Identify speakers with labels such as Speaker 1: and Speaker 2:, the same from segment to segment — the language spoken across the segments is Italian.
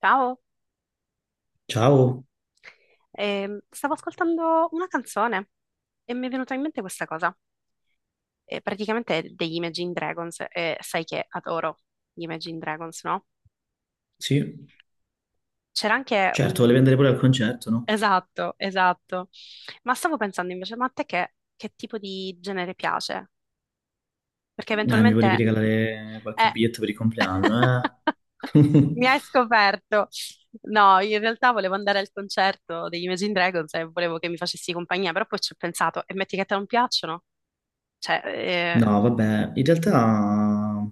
Speaker 1: Ciao,
Speaker 2: Ciao,
Speaker 1: stavo ascoltando una canzone e mi è venuta in mente questa cosa. Praticamente è degli Imagine Dragons, e sai che adoro gli Imagine Dragons, no?
Speaker 2: sì,
Speaker 1: C'era anche
Speaker 2: certo, volevi
Speaker 1: un...
Speaker 2: andare pure al concerto, no?
Speaker 1: Esatto, esatto. Ma stavo pensando invece, ma a te che tipo di genere piace? Perché
Speaker 2: Mi volevi
Speaker 1: eventualmente...
Speaker 2: regalare qualche
Speaker 1: Eh...
Speaker 2: biglietto per il compleanno, eh?
Speaker 1: Mi hai scoperto. No, in realtà volevo andare al concerto degli Imagine Dragons e volevo che mi facessi compagnia, però poi ci ho pensato, e metti che a te non piacciono? Cioè,
Speaker 2: No, vabbè, in realtà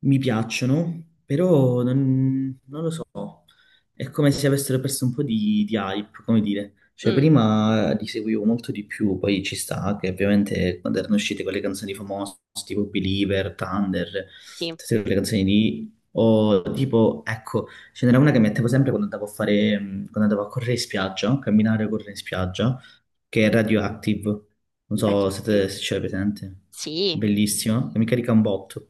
Speaker 2: mi piacciono, però non lo so. È come se avessero perso un po' di hype, come dire. Cioè,
Speaker 1: mm,
Speaker 2: prima li seguivo molto di più, poi ci sta che ovviamente quando erano uscite quelle canzoni famose, tipo Believer, Thunder,
Speaker 1: sì,
Speaker 2: tutte quelle canzoni lì, o tipo, ecco, ce n'era una che mettevo sempre quando andavo a fare, quando andavo a correre in spiaggia, a camminare a correre in spiaggia, che è Radioactive. Non so se, te-
Speaker 1: bellissima.
Speaker 2: se ce l'hai presente.
Speaker 1: Sì,
Speaker 2: Bellissima, che mi carica un botto.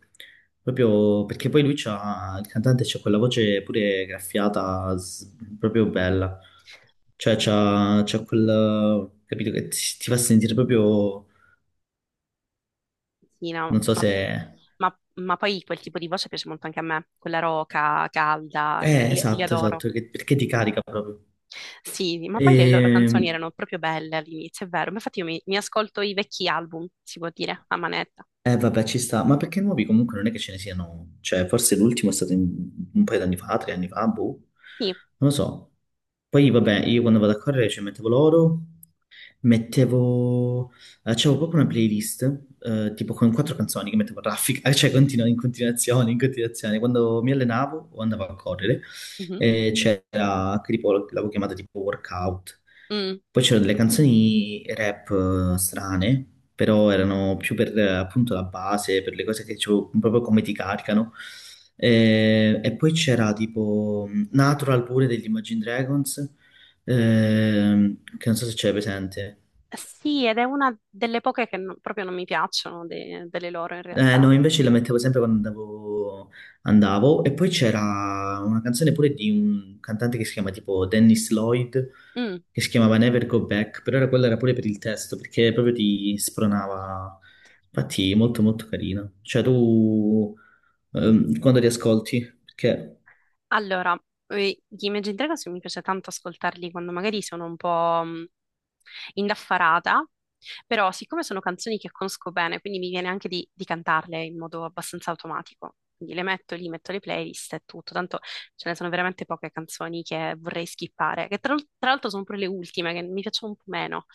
Speaker 2: Proprio perché poi lui c'ha, il cantante c'ha quella voce pure graffiata, proprio bella. Cioè c'ha quel, capito, che ti fa sentire proprio,
Speaker 1: sì, no,
Speaker 2: non so
Speaker 1: ma,
Speaker 2: se.
Speaker 1: ma poi quel tipo di voce piace molto anche a me, quella roca, calda, li
Speaker 2: Esatto,
Speaker 1: adoro.
Speaker 2: esatto, perché ti carica proprio.
Speaker 1: Sì, ma poi le loro
Speaker 2: E,
Speaker 1: canzoni erano proprio belle all'inizio, è vero. Ma infatti io mi ascolto i vecchi album, si può dire, a manetta.
Speaker 2: vabbè, ci sta. Ma perché nuovi comunque non è che ce ne siano. Cioè, forse l'ultimo è stato un paio d'anni fa, 3 anni fa, boh.
Speaker 1: Sì,
Speaker 2: Non lo so. Poi, vabbè, io quando vado a correre ci mettevo l'oro. Mettevo, c'avevo proprio una playlist, tipo con quattro canzoni che mettevo a raffica, cioè in continuazione, in continuazione. Quando mi allenavo o andavo a correre,
Speaker 1: mhm,
Speaker 2: c'era, che tipo, l'avevo chiamata tipo workout.
Speaker 1: mm.
Speaker 2: Poi c'erano delle canzoni rap strane, però erano più per appunto la base, per le cose che proprio come ti caricano. E poi c'era tipo Natural pure degli Imagine Dragons, che non so se c'è presente.
Speaker 1: Sì, ed è una delle poche che non- proprio non mi piacciono de- delle loro in realtà.
Speaker 2: No, invece la mettevo sempre quando andavo. E poi c'era una canzone pure di un cantante che si chiama tipo Dennis Lloyd,
Speaker 1: Mm.
Speaker 2: che si chiamava Never Go Back, però era quella era pure per il testo, perché proprio ti spronava. Infatti, molto molto carina. Cioè, tu quando li ascolti, perché
Speaker 1: Allora, gli Imagine Dragons mi piace tanto ascoltarli quando magari sono un po' indaffarata, però siccome sono canzoni che conosco bene, quindi mi viene anche di cantarle in modo abbastanza automatico. Quindi le metto lì, metto le playlist e tutto. Tanto ce ne sono veramente poche canzoni che vorrei skippare, che tra l'altro sono pure le ultime, che mi piacciono un po' meno.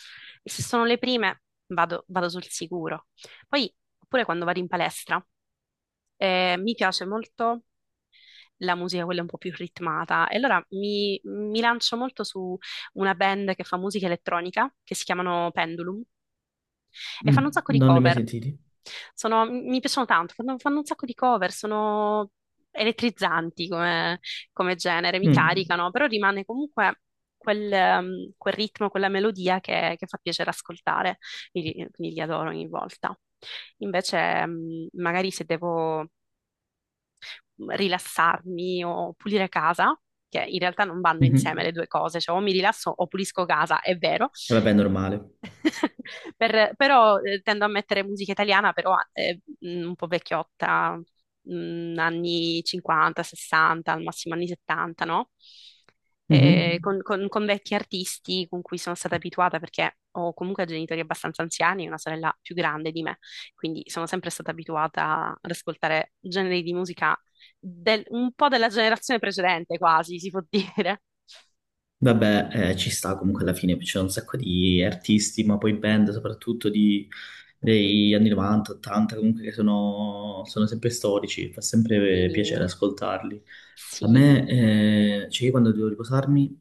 Speaker 1: E se sono le prime, vado sul sicuro. Poi, oppure quando vado in palestra, mi piace molto la musica quella un po' più ritmata. E allora mi lancio molto su una band che fa musica elettronica, che si chiamano Pendulum, e
Speaker 2: mm,
Speaker 1: fanno un sacco di
Speaker 2: non li hai mai
Speaker 1: cover.
Speaker 2: sentiti?
Speaker 1: Sono- mi piacciono tanto, fanno un sacco di cover, sono elettrizzanti come, come genere, mi
Speaker 2: Mm,
Speaker 1: caricano, però rimane comunque quel, quel ritmo, quella melodia che fa piacere ascoltare, quindi li adoro ogni volta. Invece, magari se devo rilassarmi o pulire casa, che in realtà non vanno insieme
Speaker 2: mhm.
Speaker 1: le due cose, cioè o mi rilasso o pulisco casa, è vero,
Speaker 2: E vabbè, è normale.
Speaker 1: Per- però tendo a mettere musica italiana, però un po' vecchiotta, anni 50, 60, al massimo anni 70, no?
Speaker 2: Mhm.
Speaker 1: Con, con vecchi artisti con cui sono stata abituata perché ho comunque genitori abbastanza anziani e una sorella più grande di me, quindi sono sempre stata abituata ad ascoltare generi di musica del- un po' della generazione precedente, quasi, si può dire.
Speaker 2: Vabbè, ci sta comunque alla fine, c'è un sacco di artisti, ma poi band soprattutto degli anni 90, 80, comunque che sono sempre storici, fa sempre
Speaker 1: Sì,
Speaker 2: piacere ascoltarli. A
Speaker 1: sì.
Speaker 2: me, cioè io quando devo riposarmi,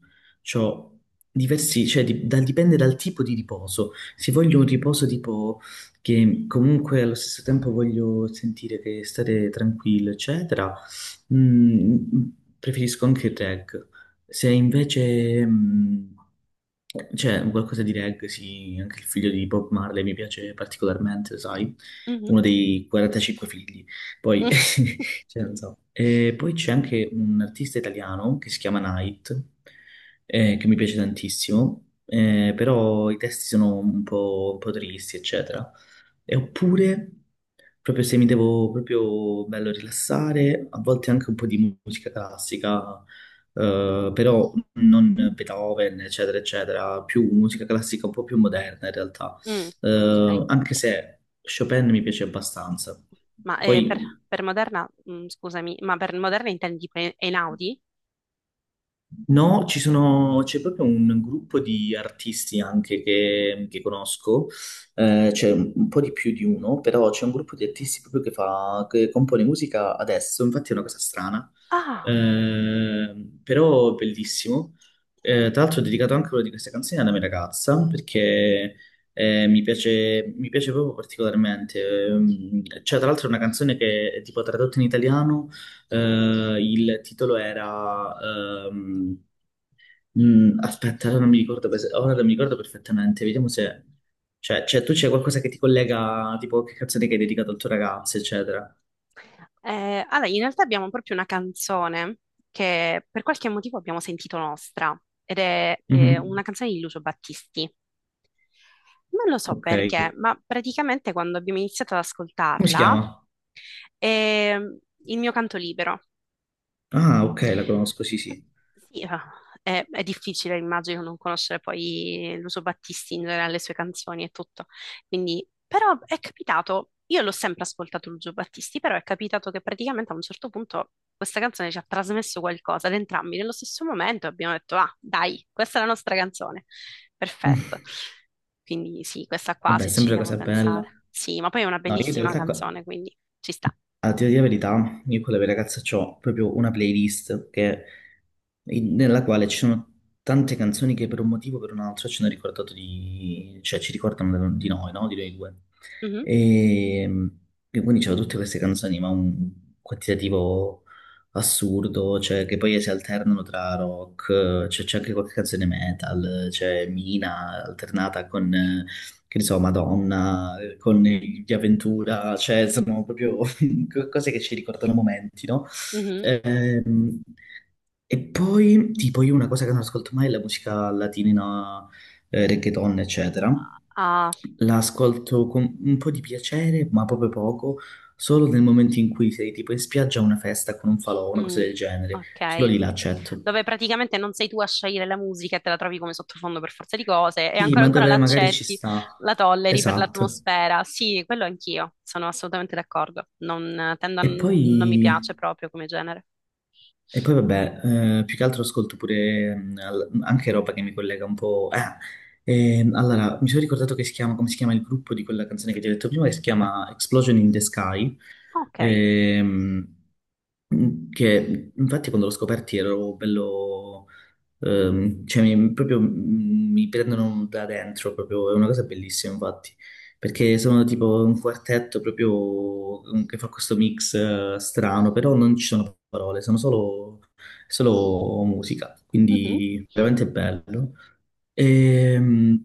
Speaker 2: ho diversi, cioè dipende dal tipo di riposo. Se voglio un riposo tipo che comunque allo stesso tempo voglio sentire che stare tranquillo, eccetera, Mm, preferisco anche il reg. Se invece, c'è qualcosa di reg, sì, anche il figlio di Bob Marley mi piace particolarmente, sai,
Speaker 1: Mhm.
Speaker 2: uno dei 45 figli. Poi, cioè, non so. E poi c'è anche un artista italiano che si chiama Night, che mi piace tantissimo, però i testi sono un po' tristi, eccetera. E oppure, proprio se mi devo proprio bello rilassare, a volte anche un po' di musica classica, però non Beethoven, eccetera, eccetera, più musica classica un po' più moderna in realtà.
Speaker 1: Mm,
Speaker 2: Eh,
Speaker 1: ok,
Speaker 2: anche se Chopin mi piace abbastanza.
Speaker 1: ma
Speaker 2: Poi
Speaker 1: per Moderna, mm, scusami, ma per Moderna intendi per Einaudi?
Speaker 2: no, ci sono, c'è proprio un gruppo di artisti anche che conosco, c'è un po' di più di uno, però c'è un gruppo di artisti proprio che fa, che compone musica adesso, infatti è una cosa strana,
Speaker 1: Ah,
Speaker 2: eh, però bellissimo. Tra l'altro ho dedicato anche una di queste canzoni alla mia ragazza, perché mi piace proprio particolarmente. Cioè, tra l'altro è una canzone che è tipo tradotta in italiano, il titolo era, ehm, aspetta, ora non mi ricordo perfettamente, vediamo se. Cioè, tu c'è qualcosa che ti collega, tipo che canzone che hai dedicato al tuo ragazzo, eccetera.
Speaker 1: allora in realtà abbiamo proprio una canzone che per qualche motivo abbiamo sentito nostra ed è una
Speaker 2: Mhm.
Speaker 1: canzone di Lucio Battisti. Non lo so
Speaker 2: Ok.
Speaker 1: perché, ma praticamente quando abbiamo iniziato ad
Speaker 2: Come si
Speaker 1: ascoltarla
Speaker 2: chiama?
Speaker 1: è il mio canto libero.
Speaker 2: Ah, ok, la conosco, sì, sì.
Speaker 1: Sì, ah, è difficile, immagino, non conoscere poi Lucio Battisti in generale, le sue canzoni e tutto. Quindi, però è capitato, io l'ho sempre ascoltato Lucio Battisti, però è capitato che praticamente a un certo punto questa canzone ci ha trasmesso qualcosa ad entrambi nello stesso momento e abbiamo detto, ah, dai, questa è la nostra canzone.
Speaker 2: Mm.
Speaker 1: Perfetto. Quindi sì, questa qua
Speaker 2: Vabbè, è
Speaker 1: se ci
Speaker 2: sempre una
Speaker 1: devo
Speaker 2: cosa bella.
Speaker 1: pensare. Sì, ma poi è una
Speaker 2: No, io in
Speaker 1: bellissima
Speaker 2: realtà,
Speaker 1: canzone, quindi ci sta.
Speaker 2: a dire la verità, io con le mie ragazze ho proprio una playlist che nella quale ci sono tante canzoni che per un motivo o per un altro ci hanno ricordato di, cioè ci ricordano di noi, no? Di noi due.
Speaker 1: Mhm,
Speaker 2: E, e quindi c'erano tutte queste canzoni, ma un quantitativo assurdo, cioè che poi si alternano tra rock, cioè c'è anche qualche canzone metal, c'è Mina alternata con, che ne so, Madonna, con gli Aventura, cioè sono proprio cose che ci ricordano momenti, no?
Speaker 1: mhm.
Speaker 2: Ehm, e poi, tipo, io una cosa che non ascolto mai è la musica latina, reggaeton, eccetera.
Speaker 1: Ah,
Speaker 2: La ascolto con un po' di piacere, ma proprio poco, solo nel momento in cui sei tipo in spiaggia a una festa con un falò, una cosa
Speaker 1: mm,
Speaker 2: del genere. Solo
Speaker 1: ok.
Speaker 2: lì la accetto.
Speaker 1: Dove praticamente non sei tu a scegliere la musica e te la trovi come sottofondo per forza di cose, e
Speaker 2: Sì,
Speaker 1: ancora
Speaker 2: ma
Speaker 1: ancora la
Speaker 2: dove magari ci
Speaker 1: accetti,
Speaker 2: sta.
Speaker 1: la tolleri per
Speaker 2: Esatto.
Speaker 1: l'atmosfera. Sì, quello anch'io, sono assolutamente d'accordo. Non, tendo a
Speaker 2: E
Speaker 1: n-
Speaker 2: poi
Speaker 1: non mi piace proprio come genere.
Speaker 2: E poi vabbè, più che altro ascolto pure anche roba che mi collega un po'. Ah, allora, mi sono ricordato che si chiama, come si chiama il gruppo di quella canzone che ti ho detto prima, che si chiama Explosion in the Sky,
Speaker 1: Ok.
Speaker 2: ehm, che infatti quando l'ho scoperti ero bello. Cioè, proprio mi prendono da dentro, proprio, è una cosa bellissima, infatti, perché sono tipo un quartetto proprio che fa questo mix strano, però non ci sono parole, sono solo musica,
Speaker 1: Mhm.
Speaker 2: quindi veramente bello. Ehm,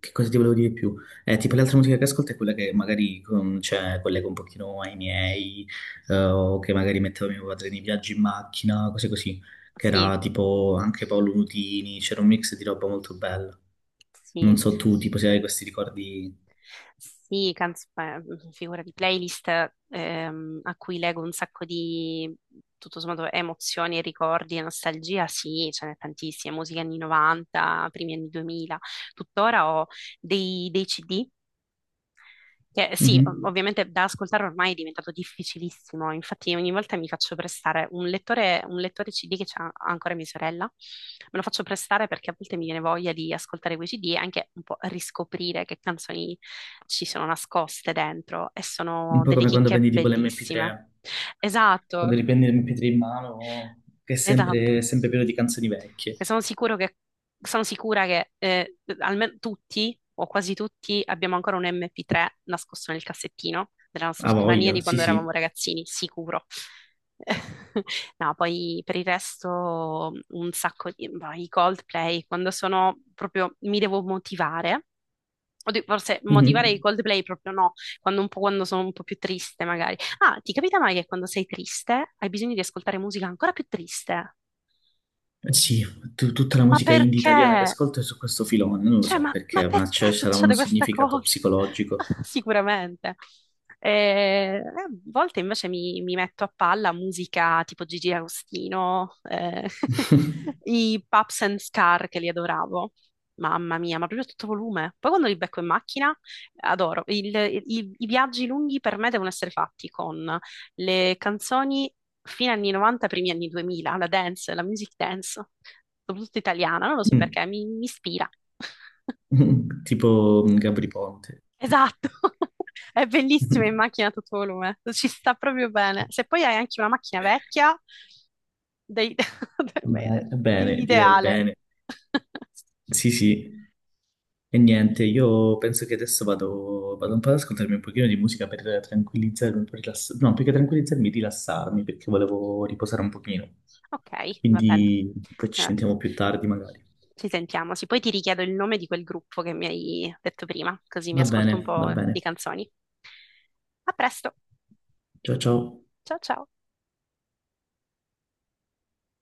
Speaker 2: che cosa ti volevo dire di più? Tipo l'altra musica che ascolto è quella che magari con, cioè, collego un pochino ai miei, o che magari mettevo mio padre nei viaggi in macchina, cose così, che
Speaker 1: Sì,
Speaker 2: era tipo anche Paolo Nutini, c'era un mix di roba molto bella. Non
Speaker 1: sì.
Speaker 2: so tu, tipo se hai questi ricordi.
Speaker 1: Sì, canz- figura di playlist a cui leggo un sacco di, tutto sommato, emozioni, ricordi e nostalgia, sì, ce n'è tantissime, musica anni 90, primi anni 2000. Tuttora ho dei CD che sì, ov-
Speaker 2: Mhm.
Speaker 1: ovviamente da ascoltare ormai è diventato difficilissimo, infatti ogni volta mi faccio prestare un lettore CD che c'ha ancora mia sorella, me lo faccio prestare perché a volte mi viene voglia di ascoltare quei CD e anche un po' riscoprire che canzoni ci sono nascoste dentro e
Speaker 2: Un
Speaker 1: sono
Speaker 2: po'
Speaker 1: delle
Speaker 2: come quando
Speaker 1: chicche
Speaker 2: prendi tipo
Speaker 1: bellissime.
Speaker 2: l'MP3, quando
Speaker 1: Esatto.
Speaker 2: riprendi l'MP3 in mano, che è
Speaker 1: Esatto.
Speaker 2: sempre, sempre pieno di canzoni vecchie.
Speaker 1: E sono sicuro che, sono sicura che almeno tutti o quasi tutti abbiamo ancora un MP3 nascosto nel cassettino della nostra
Speaker 2: A
Speaker 1: scrivania
Speaker 2: voglia,
Speaker 1: di
Speaker 2: sì
Speaker 1: quando eravamo
Speaker 2: sì.
Speaker 1: ragazzini, sicuro. No, poi per il resto un sacco di... boh, i Coldplay, quando sono proprio... mi devo motivare. Oddio, forse motivare i
Speaker 2: Mhm.
Speaker 1: Coldplay proprio no, quando un po', quando sono un po' più triste magari, ah, ti capita mai che quando sei triste hai bisogno di ascoltare musica ancora più triste?
Speaker 2: Sì, tutta la
Speaker 1: Ma
Speaker 2: musica indie italiana che
Speaker 1: perché?
Speaker 2: ascolto è su questo filone, non lo
Speaker 1: Cioè,
Speaker 2: so
Speaker 1: ma
Speaker 2: perché, ma c'è
Speaker 1: perché
Speaker 2: sarà un
Speaker 1: succede questa
Speaker 2: significato
Speaker 1: cosa?
Speaker 2: psicologico.
Speaker 1: Sicuramente. A volte invece mi, mi metto a palla musica tipo Gigi Agostino, i Pups and Scar che li adoravo. Mamma mia, ma proprio a tutto volume. Poi quando li becco in macchina, adoro. Il- i viaggi lunghi per me devono essere fatti con le canzoni fine anni 90, primi anni 2000, la dance, la music dance, soprattutto italiana, non lo so perché, mi ispira.
Speaker 2: Tipo Gabri Ponte.
Speaker 1: Esatto, è bellissima in macchina a tutto volume, ci sta proprio bene. Se poi hai anche una macchina vecchia, dei- per me è
Speaker 2: Beh, bene, direi
Speaker 1: l'ideale.
Speaker 2: bene. Sì, sì. E niente, io penso che adesso vado un po' ad ascoltarmi un pochino di musica per tranquillizzarmi, un po' no, più che tranquillizzarmi, rilassarmi, perché volevo riposare un pochino.
Speaker 1: Ok, va bene.
Speaker 2: Quindi poi ci
Speaker 1: Eh,
Speaker 2: sentiamo più tardi magari.
Speaker 1: ci sentiamo. Sì, poi ti richiedo il nome di quel gruppo che mi hai detto prima, così mi
Speaker 2: Va
Speaker 1: ascolto
Speaker 2: bene,
Speaker 1: un
Speaker 2: va
Speaker 1: po'
Speaker 2: bene.
Speaker 1: di canzoni. A presto,
Speaker 2: Ciao ciao.
Speaker 1: ciao ciao.